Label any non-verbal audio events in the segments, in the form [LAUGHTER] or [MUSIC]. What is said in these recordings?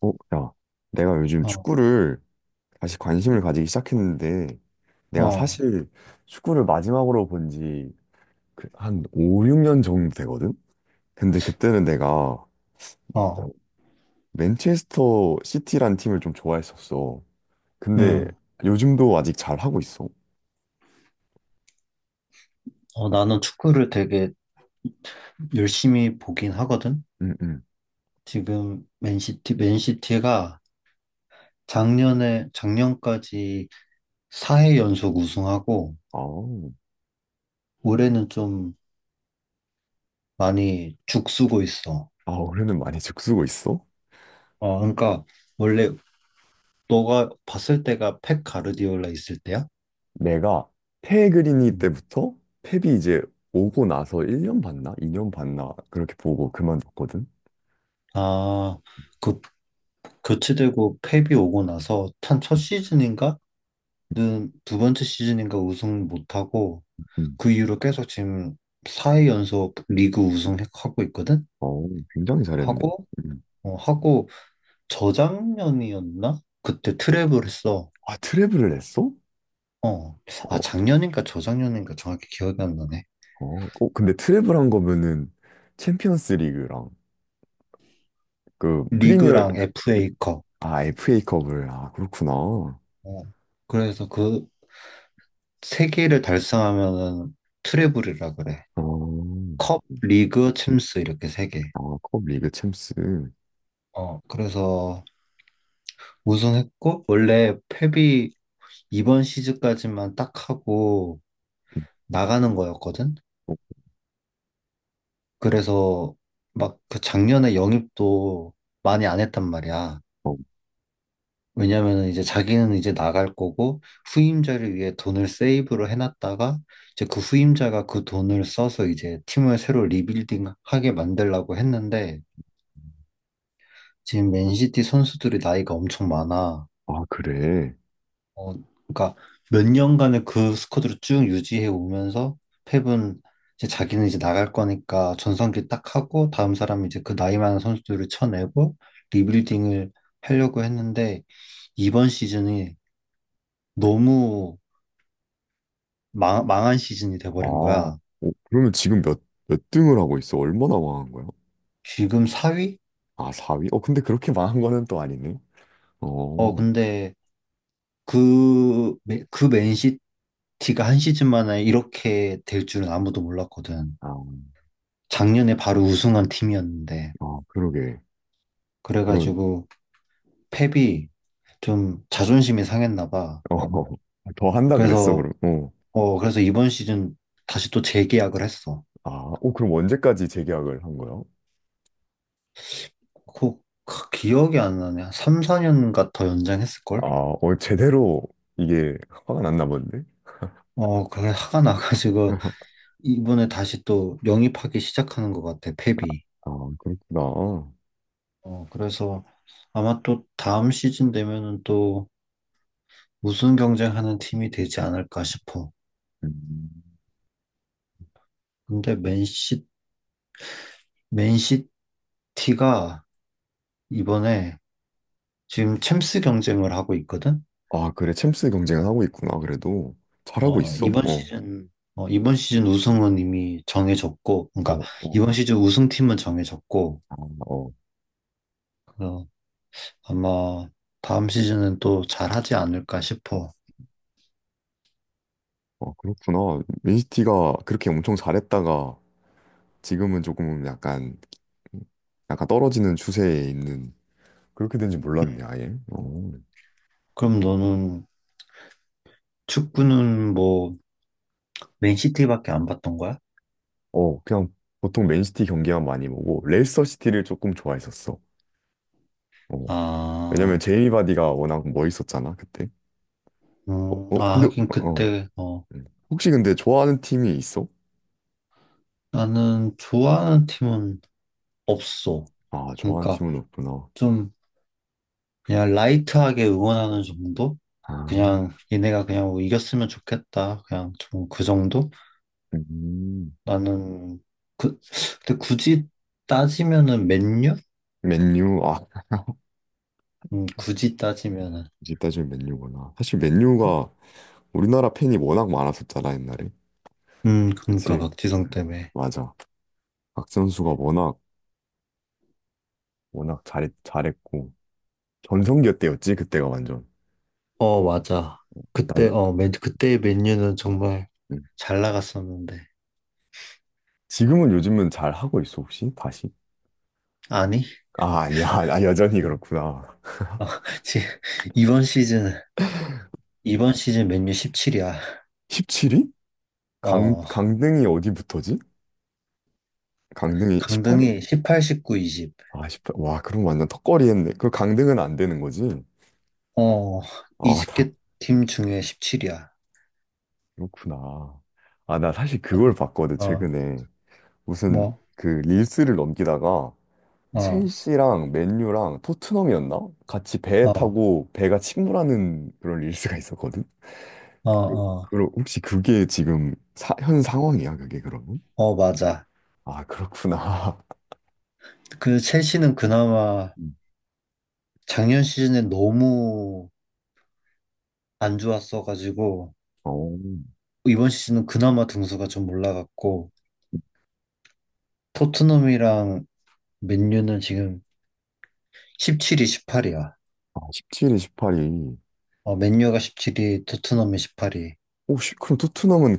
어, 야, 내가 요즘 어, 축구를 다시 관심을 가지기 시작했는데, 내가 어, 사실 축구를 마지막으로 본지 그 한 5, 6년 정도 되거든? 근데 그때는 내가 어, 어, 맨체스터 시티란 팀을 좀 좋아했었어. 근데 음. 요즘도 아직 잘 하고 있어. 어, 나는 축구를 되게 열심히 보긴 하거든. 응, 응. 지금 맨시티가 작년에, 작년까지 4회 연속 우승하고, 아우, 올해는 좀 많이 죽쓰고 있어. 아, 올해는 많이 죽쓰고 있어? 어, 그러니까, 원래 너가 봤을 때가 펩 가르디올라 있을 때야? 내가 페그리니 음. 때부터 펩이 이제 오고 나서 1년 봤나? 2년 봤나? 그렇게 보고 그만뒀거든? 아, 그, 교체되고 펩이 오고 나서 탄 첫 시즌인가? 는두 번째 시즌인가 우승 못하고, 응. 그 이후로 계속 지금 4회 연속 리그 우승하고 있거든? 어, 굉장히 잘했네. 하고, 음. 하고, 저작년이었나? 그때 트랩을 했어. 아, 트래블을 했어? 어. 아, 어, 작년인가 저작년인가 정확히 기억이 안 나네. 어, 어, 근데 트래블 한 거면은 챔피언스 리그랑 그 프리미어, 리그랑 FA컵. 아, FA컵을, 아, 그렇구나. 어, 어. 그래서 그 세 개를 달성하면은 트래블이라 그래. 컵, 리그, 챔스 이렇게 세 개. 아, 컵 리그 챔스. 어. 그래서 우승했고, 원래 펩이 이번 시즌까지만 딱 하고 나가는 거였거든? 그래서 막 그 작년에 영입도 많이 안 했단 말이야. 어, 왜냐면은 이제 자기는 이제 나갈 거고 후임자를 위해 돈을 세이브로 해놨다가 이제 그 후임자가 그 돈을 써서 이제 팀을 새로 리빌딩 하게 만들려고 했는데 지금 맨시티 선수들이 나이가 엄청 많아. 아, 그래. 어, 그러니까 몇 년간의 그 스쿼드를 쭉 유지해 오면서 펩은 이제 자기는 이제 나갈 거니까 전성기 딱 하고 다음 사람 이제 그 나이 많은 선수들을 쳐내고 리빌딩을 하려고 했는데 이번 시즌이 너무 망한 시즌이 아, 돼버린 어, 거야. 그러면 지금 몇 등을 하고 있어? 얼마나 망한 거야? 지금 4위? 아, 4위? 어, 근데 그렇게 망한 거는 또 아니네. 어, 어, 근데 그 맨시티가 한 시즌 만에 이렇게 될 줄은 아무도 몰랐거든. 아, 작년에 바로 우승한 팀이었는데. 아, 그러게. 그런, 그래가지고 펩이 좀 자존심이 상했나 봐. 어, [LAUGHS] 더 한다 그랬어, 그래서 그럼. 어. 그래서 이번 시즌 다시 또 재계약을 했어. 아, 어, 그럼 언제까지 재계약을 한 거야? 그, 그 기억이 안 나네. 한 3, 4년인가 더 연장했을 아, 걸? 어, 제대로 이게 화가 났나 본데? 어 그래 화가 나가지고 [LAUGHS] 이번에 다시 또 영입하기 시작하는 것 같아 펩이. 아, 그렇구나. 어 그래서 아마 또 다음 시즌 되면은 또 우승 경쟁하는 팀이 되지 않을까 싶어. 음. 근데 맨시티가 이번에 지금 챔스 경쟁을 하고 있거든. 아, 그래. 챔스 경쟁을 하고 있구나. 그래도 잘하고 어, 있어? 이번 어, 시즌, 어, 이번 시즌 우승은 이미 정해졌고, 그러니까 어, 어, 이번 시즌 우승팀은 정해졌고, 아, 어, 그 아마 다음 시즌은 또 잘하지 않을까 싶어. 어, 그렇구나. 맨시티가 그렇게 엄청 잘했다가 지금은 조금 약간, 약간 떨어지는 추세에 있는 그렇게 된지 몰랐네, 아예. 어, 그럼 너는 축구는 뭐 맨시티밖에 안 봤던 거야? 어, 그냥 보통 맨시티 경기만 많이 보고 레이스터 시티를 조금 좋아했었어. 어. 왜냐면 아, 제이미 바디가 워낙 멋있었잖아 그때. 어, 어 아, 근데 어 하긴 어. 그때, 어, 혹시 근데 좋아하는 팀이 있어? 나는 좋아하는 팀은 없어. 아, 좋아하는 그러니까 팀은 없구나. 좀 그냥 라이트하게 응원하는 정도? 아. 그냥 얘네가 그냥 뭐 이겼으면 좋겠다. 그냥 좀 그 정도? 음. 나는 그 근데 굳이 따지면은 맨유? 맨유. 아. 굳이 따지면은 이제 따지면 맨유구나. 사실 어? 맨유가 우리나라 팬이 워낙 많았었잖아 옛날에. 그러니까 그치? 어, 박지성 때문에 맞아. 박 선수가 워낙 워낙 잘 잘했고 전성기 때였지 그때가 완전. 어 맞아 난. 그때의 맨유는 정말 음. 잘 나갔었는데 지금은 요즘은 잘 하고 있어 혹시 다시? 아니 아, 아니야, 아, 여전히 그렇구나. 어, [LAUGHS] 지금 이번 시즌 이번 시즌 맨유 17이야 17위? 강, 어 강등이 어디부터지? 강등이 18일? 강등이 18, 19, 20. 아, 십팔, 와, 그럼 완전 턱걸이 했네. 그 강등은 안 되는 거지? 어 아, 다, 20개 팀 중에 17이야 그렇구나. 아, 나 사실 그걸 봤거든, 어 최근에. 무슨, 뭐 그, 릴스를 넘기다가, 어 첼시랑 맨유랑 토트넘이었나? 같이 배 어 타고 배가 침몰하는 그런 릴스가 있었거든? 어 그, 어 그럼 혹시 그게 지금 현 상황이야, 그게 그러면? 어 맞아 아, 그렇구나. [LAUGHS] 그 첼시는 그나마 음. 작년 시즌에 너무 안 좋았어가지고 어, 이번 시즌은 그나마 등수가 좀 올라갔고 토트넘이랑 맨유는 지금 17위, 18위야. 아, 17일, 18일. 어, 맨유가 17위, 토트넘이 18위. 혹시 그럼 토트넘은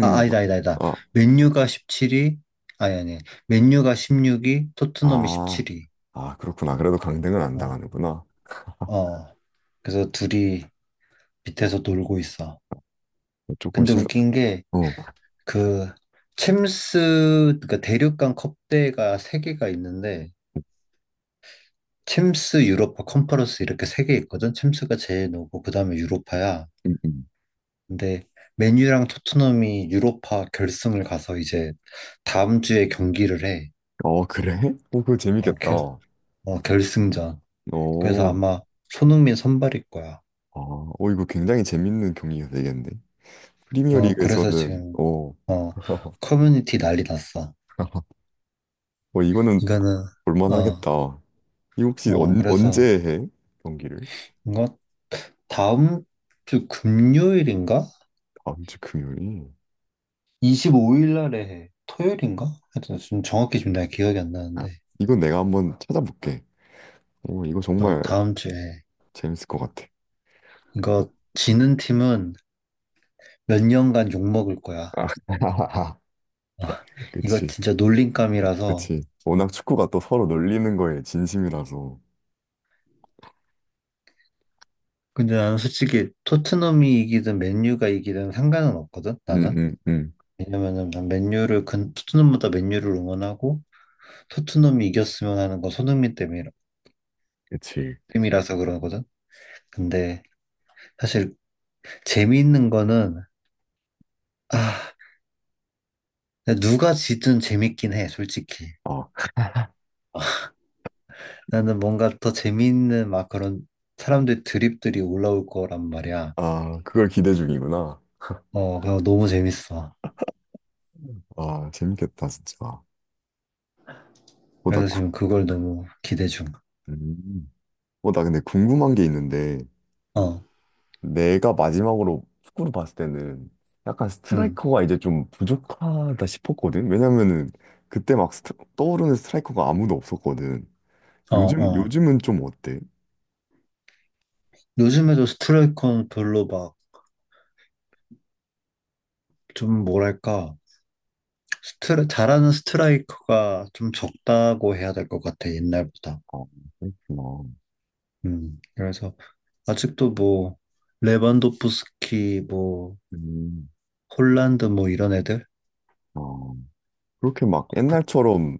아, 아니다. 아, 맨유가 17위, 아니, 아니. 맨유가 16위, 토트넘이 아, 17위. 아, 그렇구나. 그래도 강등은 안 어, 당하는구나. 어. 그래서 둘이 밑에서 놀고 있어. 조금 근데 심. 웃긴 게 어, 그 챔스, 그니까 대륙간 컵대가 세개가 있는데 챔스, 유로파, 컨퍼런스 이렇게 세 개 있거든. 챔스가 제일 높고 그다음에 유로파야. 음, 음. 근데 맨유랑 토트넘이 유로파 결승을 가서 이제 다음 주에 경기를 해. 어 그래? 어 그거 어, 재밌겠다. 결, 어, 어, 결승전. 그래서 아마 손흥민 선발일 거야. 아, 어 이거 굉장히 재밌는 경기가 되겠네. 어, 그래서 프리미어리그에서는 지금 어, 어, [LAUGHS] 커뮤니티 난리 났어. 어 이거는 이거는 어, 볼만하겠다. 이 혹시 어, 언, 그래서 언제 해? 경기를? 이거 다음 주 금요일인가? 다음 주 금요일. 25일 날에 해. 토요일인가? 하여튼 좀 정확히 지금 내가 기억이 안 아, 나는데 이건 내가 한번 찾아볼게. 어 이거 어, 정말 다음 주에. 재밌을 것 같아. 이거 지는 팀은 몇 년간 욕먹을 거야. 아, [LAUGHS] 어, 이거 그치. 진짜 놀림감이라서. 그치. 워낙 축구가 또 서로 놀리는 거에 진심이라서. 근데 나는 솔직히 토트넘이 이기든 맨유가 이기든 상관은 없거든, 응, 나는. 응, 응. 왜냐면은 토트넘보다 맨유를 응원하고 토트넘이 이겼으면 하는 건 손흥민 때문이라, 그치. 때문이라서 그러거든. 근데 사실 재미있는 거는, 아, 누가 지든 재밌긴 해, 솔직히. 어, 아, 나는 뭔가 더 재미있는 막 그런 사람들 드립들이 올라올 거란 말이야. 아, 그걸 기대 중이구나. 어, 그거 너무 재밌어. 아, 재밌겠다, 진짜. 어, 나, 그래서 구, 지금 그걸 너무 기대 중. 음. 어, 나 근데 궁금한 게 있는데, 어, 내가 마지막으로 축구를 봤을 때는 약간 응, 스트라이커가 이제 좀 부족하다 싶었거든? 왜냐면은, 그때 막 떠오르는 스트라이커가 아무도 없었거든. 어, 요즘, 어. 요즘은 좀 어때? 요즘에도 스트라이커는 별로 막 좀 뭐랄까 스트라 잘하는 스트라이커가 좀 적다고 해야 될 것 같아 옛날보다. 아, 그렇구나. 그래서 아직도 뭐 레반도프스키 뭐 음, 홀란드 뭐 이런 애들, 아, 그렇게 막 옛날처럼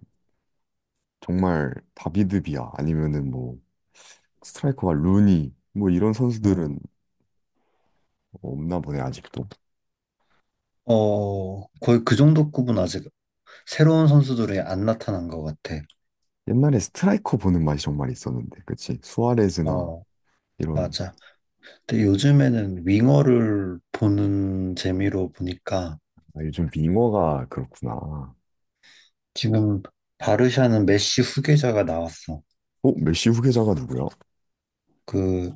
정말 다비드비아 아니면은 뭐 스트라이커가 루니 뭐 이런 음, 선수들은 없나 보네 아직도. 어 거의 그 정도 급은 아직 새로운 선수들이 안 나타난 것 같아. 옛날에 스트라이커 보는 맛이 정말 있었는데, 그치? 수아레즈나 어, 이런. 맞아. 근데 요즘에는 윙어를 보는 재미로 보니까 아, 요즘 윙어가 그렇구나. 지금 바르샤는 메시 후계자가 나왔어. 어, 메시 후계자가 누구야? 그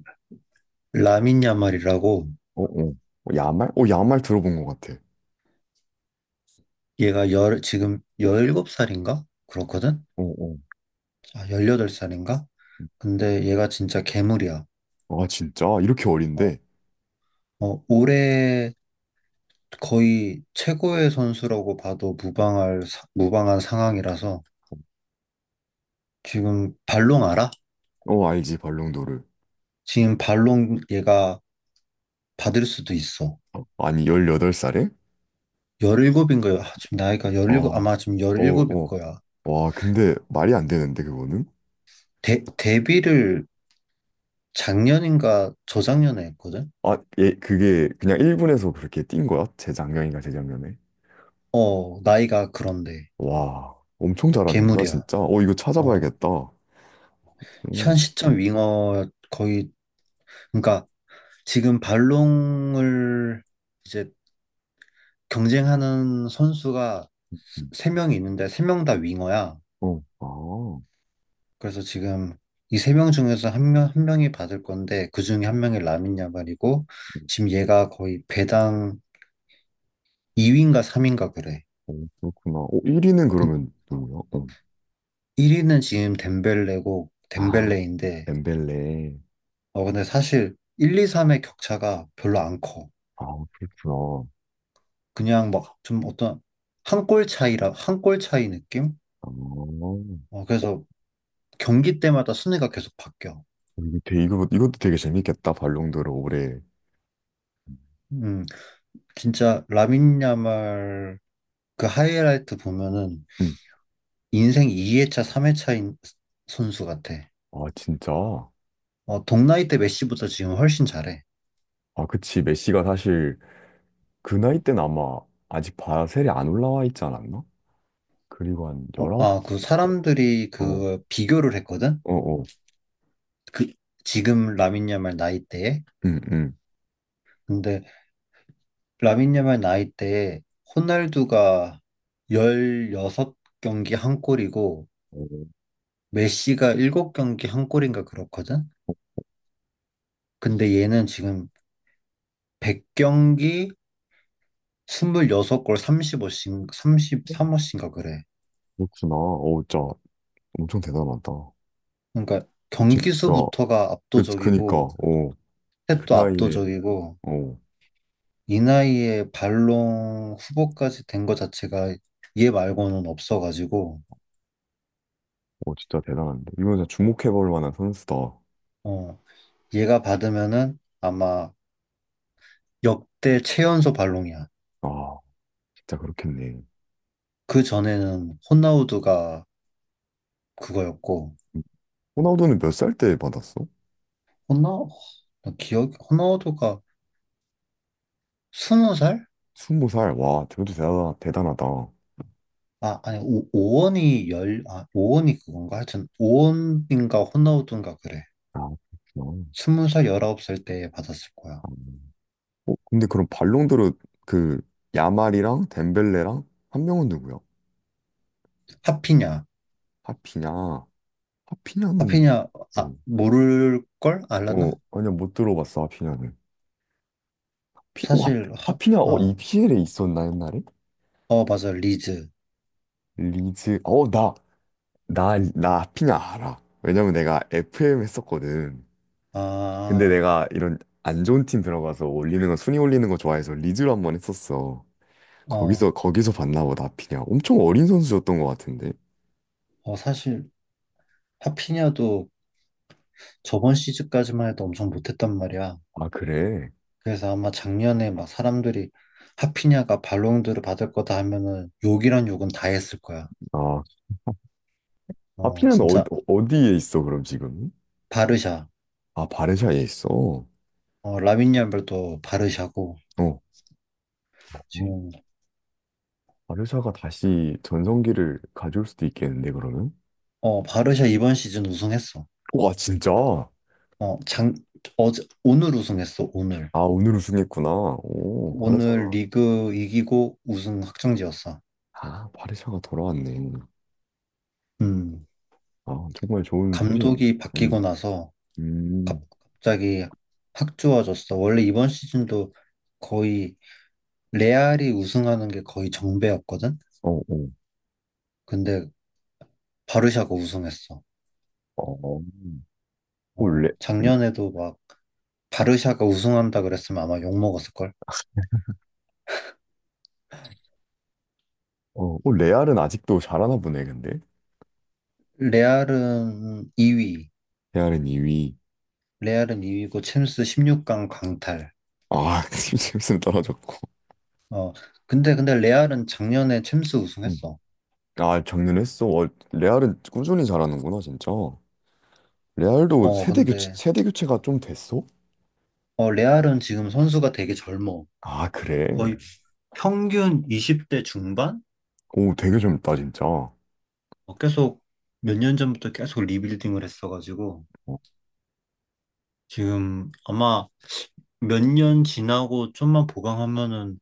라민 야말이라고 어, 어, 어, 야말? 어, 야말 들어본 것 같아. 지금 17살인가? 그렇거든? 어, 어. 아, 18살인가? 근데 얘가 진짜 괴물이야. 아, 진짜? 이렇게 어, 어린데? 어, 올해 거의 최고의 선수라고 봐도 무방한 상황이라서 지금 발롱 알아? 어, 알지, 발롱도르. 지금 발롱 얘가 받을 수도 있어. 아니, 18살에? 17인가? 요 지금 나이가 아, 17, 어, 아마 지금 일곱일 어. 거야. 와, 근데 말이 안 되는데, 그거는? 데뷔를 작년인가 저작년에 했거든? 아, 예, 그게 그냥 1분에서 그렇게 뛴 거야? 재작년인가 재작년에? 어, 나이가 그런데. 와, 엄청 잘하는구나, 괴물이야. 진짜. 어, 이거 어, 찾아봐야겠다. 현 음, 시점 윙어 거의, 그러니까 지금 발롱을 이제 경쟁하는 선수가 음, 세명이 있는데 세 명 다 윙어야. 어, 아, 그래서 지금 이 세 명 중에서 한 명이 받을 건데 그 중에 한 명이 라민 야말이고 음, 지금 얘가 거의 배당 2위인가 3위인가 그래. 어, 그렇구나. 어, 1위는 그 그러면 누구야? 어. 1위는 지금 덴벨레고 아, 덴벨레인데 엠벨레. 어 근데 사실 1, 2, 3의 격차가 별로 안 커. 아, 그렇구나. 그냥 막 좀 어떤 한 골 차이 느낌? 아, 어, 어 그래서 경기 때마다 순위가 계속 바뀌어. 이거 되게, 이것도 되게 재밌겠다, 발롱도르 올해. 음 진짜 라민 야말 그 하이라이트 보면은 음, 인생 2회차, 3회차인 선수 같아. 아, 진짜? 아, 어, 동나이 때 메시보다 지금 훨씬 잘해. 그치. 메시가 사실 그 나이 때는 아마 아직 바셀에 안 올라와 있지 않았나? 그리고 한 어, 19? 아, 그 사람들이 그 비교를 했거든? 어, 어, 그, 지금 라민 야말 나이 때에. 응, 응. 근데 라민 야말 나이 때에 호날두가 16경기 한 골이고 어, 메시가 7경기 한 골인가 그렇거든? 근데 얘는 지금 100경기 26골 35씩, 3 3호씩가 그래. 그렇구나. 어, 진짜 엄청 대단하다. 그러니까 진짜 경기수부터가 그니까 압도적이고 스 어, 텝그 도 나이에 압도적이고 어, 이 나이에 발롱 후보까지 된 것 자체가 얘 말고는 없어가지고 어 진짜 대단한데. 이건 진짜 주목해볼 만한 선수다. 어 얘가 받으면은 아마 역대 최연소 발롱이야. 아, 진짜 그렇겠네. 그 전에는 호나우두가 그거였고 호나우두는 몇 살 때 받았어? 호나 나 기억 호나우두가 스무 살? 20살. 와, 대단하다. 아, 아 아니 오, 오원이 열아 오원이 그건가 하여튼 오원인가 호나우두인가 그래. 그렇구나. 스무 살 열아홉 살 때 받았을 거야. 아, 어, 근데 그럼 발롱도르 그 야말이랑 덴벨레랑 한 명은 누구야? 하피냐. 하피냐? 하피냐는. 하피냐, 아, 어. 모를 걸? 어, 알라나? 아니야, 못 들어봤어, 하피냐는. 피, 오, 하, 사실, 하, 피냐. 어, 어, EPL에 있었나, 옛날에? 어, 맞아, 리즈. 리즈, 어, 나 하피냐 알아. 왜냐면 내가 FM 했었거든. 근데 아, 내가 이런 안 좋은 팀 들어가서 올리는 거, 순위 올리는 거 좋아해서 리즈로 한 번 했었어. 거기서, 어, 거기서 봤나 보다, 하피냐. 엄청 어린 선수였던 것 같은데. 어, 사실, 하피냐도 저번 시즌까지만 해도 엄청 못했단 말이야. 아, 그래? 그래서 아마 작년에 막 사람들이 하피냐가 발롱도르 받을 거다 하면은 욕이란 욕은 다 했을 거야. 아, 어, 하피냐는 어, 진짜, 어디에 있어, 그럼 지금? 바르샤. 아, 바르샤에 있어. 어. 어, 라민 얄말도 바르샤고, 어. 지금, 바르샤가 다시 전성기를 가져올 수도 있겠는데, 그러면? 어, 바르샤 이번 시즌 우승했어. 와, 진짜? 아, 어, 장, 어제, 오늘 우승했어, 오늘. 오늘 우승했구나. 오, 오늘 바르샤가. 리그 이기고 우승 확정지었어. 아, 바르샤가 돌아왔네. 음, 아, 정말 좋은 소식인데. 감독이 바뀌고 음, 나서 음, 갑자기 확 좋아졌어. 원래 이번 시즌도 거의 레알이 우승하는 게 거의 정배였거든? 어, 어, 근데 바르샤가 우승했어. 어. 오, 어, 레, 레, 작년에도 막 바르샤가 우승한다 그랬으면 아마 욕먹었을걸? 어, 오, 레알은 아직도 잘하나 보네, 근데. 레알은 2위, 레알은 2위. 레알은 2위고 챔스 16강 강탈. 아, [LAUGHS] 팀 챔스는 떨어졌고. 어, 근데 레알은 작년에 챔스 음. 우승했어. 아, 정년했어. 어, 레알은 꾸준히 잘하는구나, 진짜. 레알도 어, 근데 세대 교체가 좀 됐어? 어, 레알은 지금 선수가 되게 젊어. 아, 그래. 거의 평균 20대 중반? 오, 되게 젊다, 진짜. 어, 어, 계속 몇 년 전부터 계속 리빌딩을 했어가지고 어. 지금 아마 몇 년 지나고 좀만 보강하면은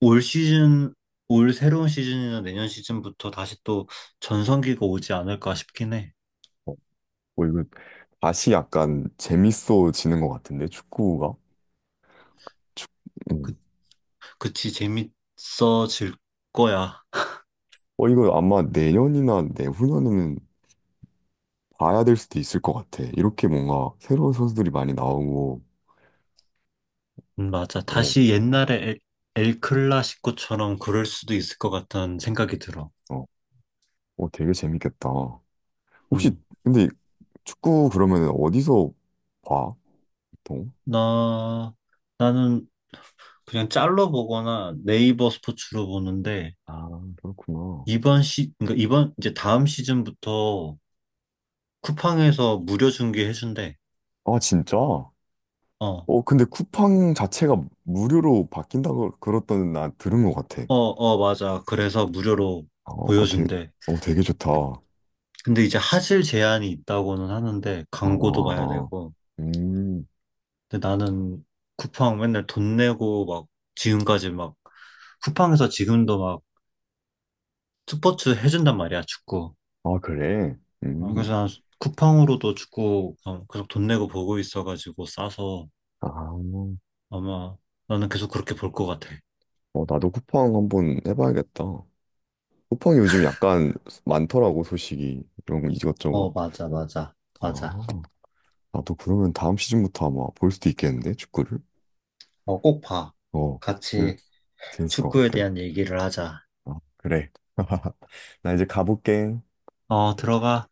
올 시즌, 올 새로운 시즌이나 내년 시즌부터 다시 또 전성기가 오지 않을까 싶긴 해. 어 이거 다시 약간 재밌어지는 것 같은데 축구가. 음. 그, 그치, 재밌어질 거야. 어 이거 아마 내년이나 내후년에는 봐야 될 수도 있을 것 같아. 이렇게 뭔가 새로운 선수들이 많이 나오고. 맞아. 어, 엘클라시코처럼 그럴 수도 있을 것 같다는 생각이 들어. 어, 어 되게 재밌겠다. 혹시 음. 근데 축구 그러면 어디서 봐 보통? 나, 나는 그냥 짤로 보거나 네이버 스포츠로 보는데, 아, 그렇구나. 이번 시, 그러니까 이번, 이제 다음 시즌부터 쿠팡에서 무료 중계해준대. 아, 진짜? 어, 어, 근데 쿠팡 자체가 무료로 바뀐다고 그랬던 나 들은 것 같아. 어, 어, 맞아. 그래서 무료로 어, 어, 되, 보여준대. 어 되게 좋다. 그- 근데 이제 하실 제한이 있다고는 하는데, 광고도 봐야 어, 되고. 음, 근데 나는 쿠팡 맨날 돈 내고 막, 지금까지 막, 쿠팡에서 지금도 막 스포츠 해준단 말이야, 축구. 아, 그래? 어, 그래서 음, 난 쿠팡으로도 축구 어, 계속 돈 내고 보고 있어가지고 싸서 아, 아마 나는 계속 그렇게 볼 것 같아. 어, 나도 쿠팡 한번 해봐야겠다. 쿠팡이 요즘 약간 많더라고, 소식이. 이런 거 이것저것. 어, 맞아. 아, 나도 그러면 다음 시즌부터 아마 볼 수도 있겠는데, 축구를? 어, 꼭 봐. 어, 그, 같이 재밌을 것 축구에 같아. 대한 얘기를 하자. 아, 그래. [LAUGHS] 나 이제 가볼게. 어, 들어가.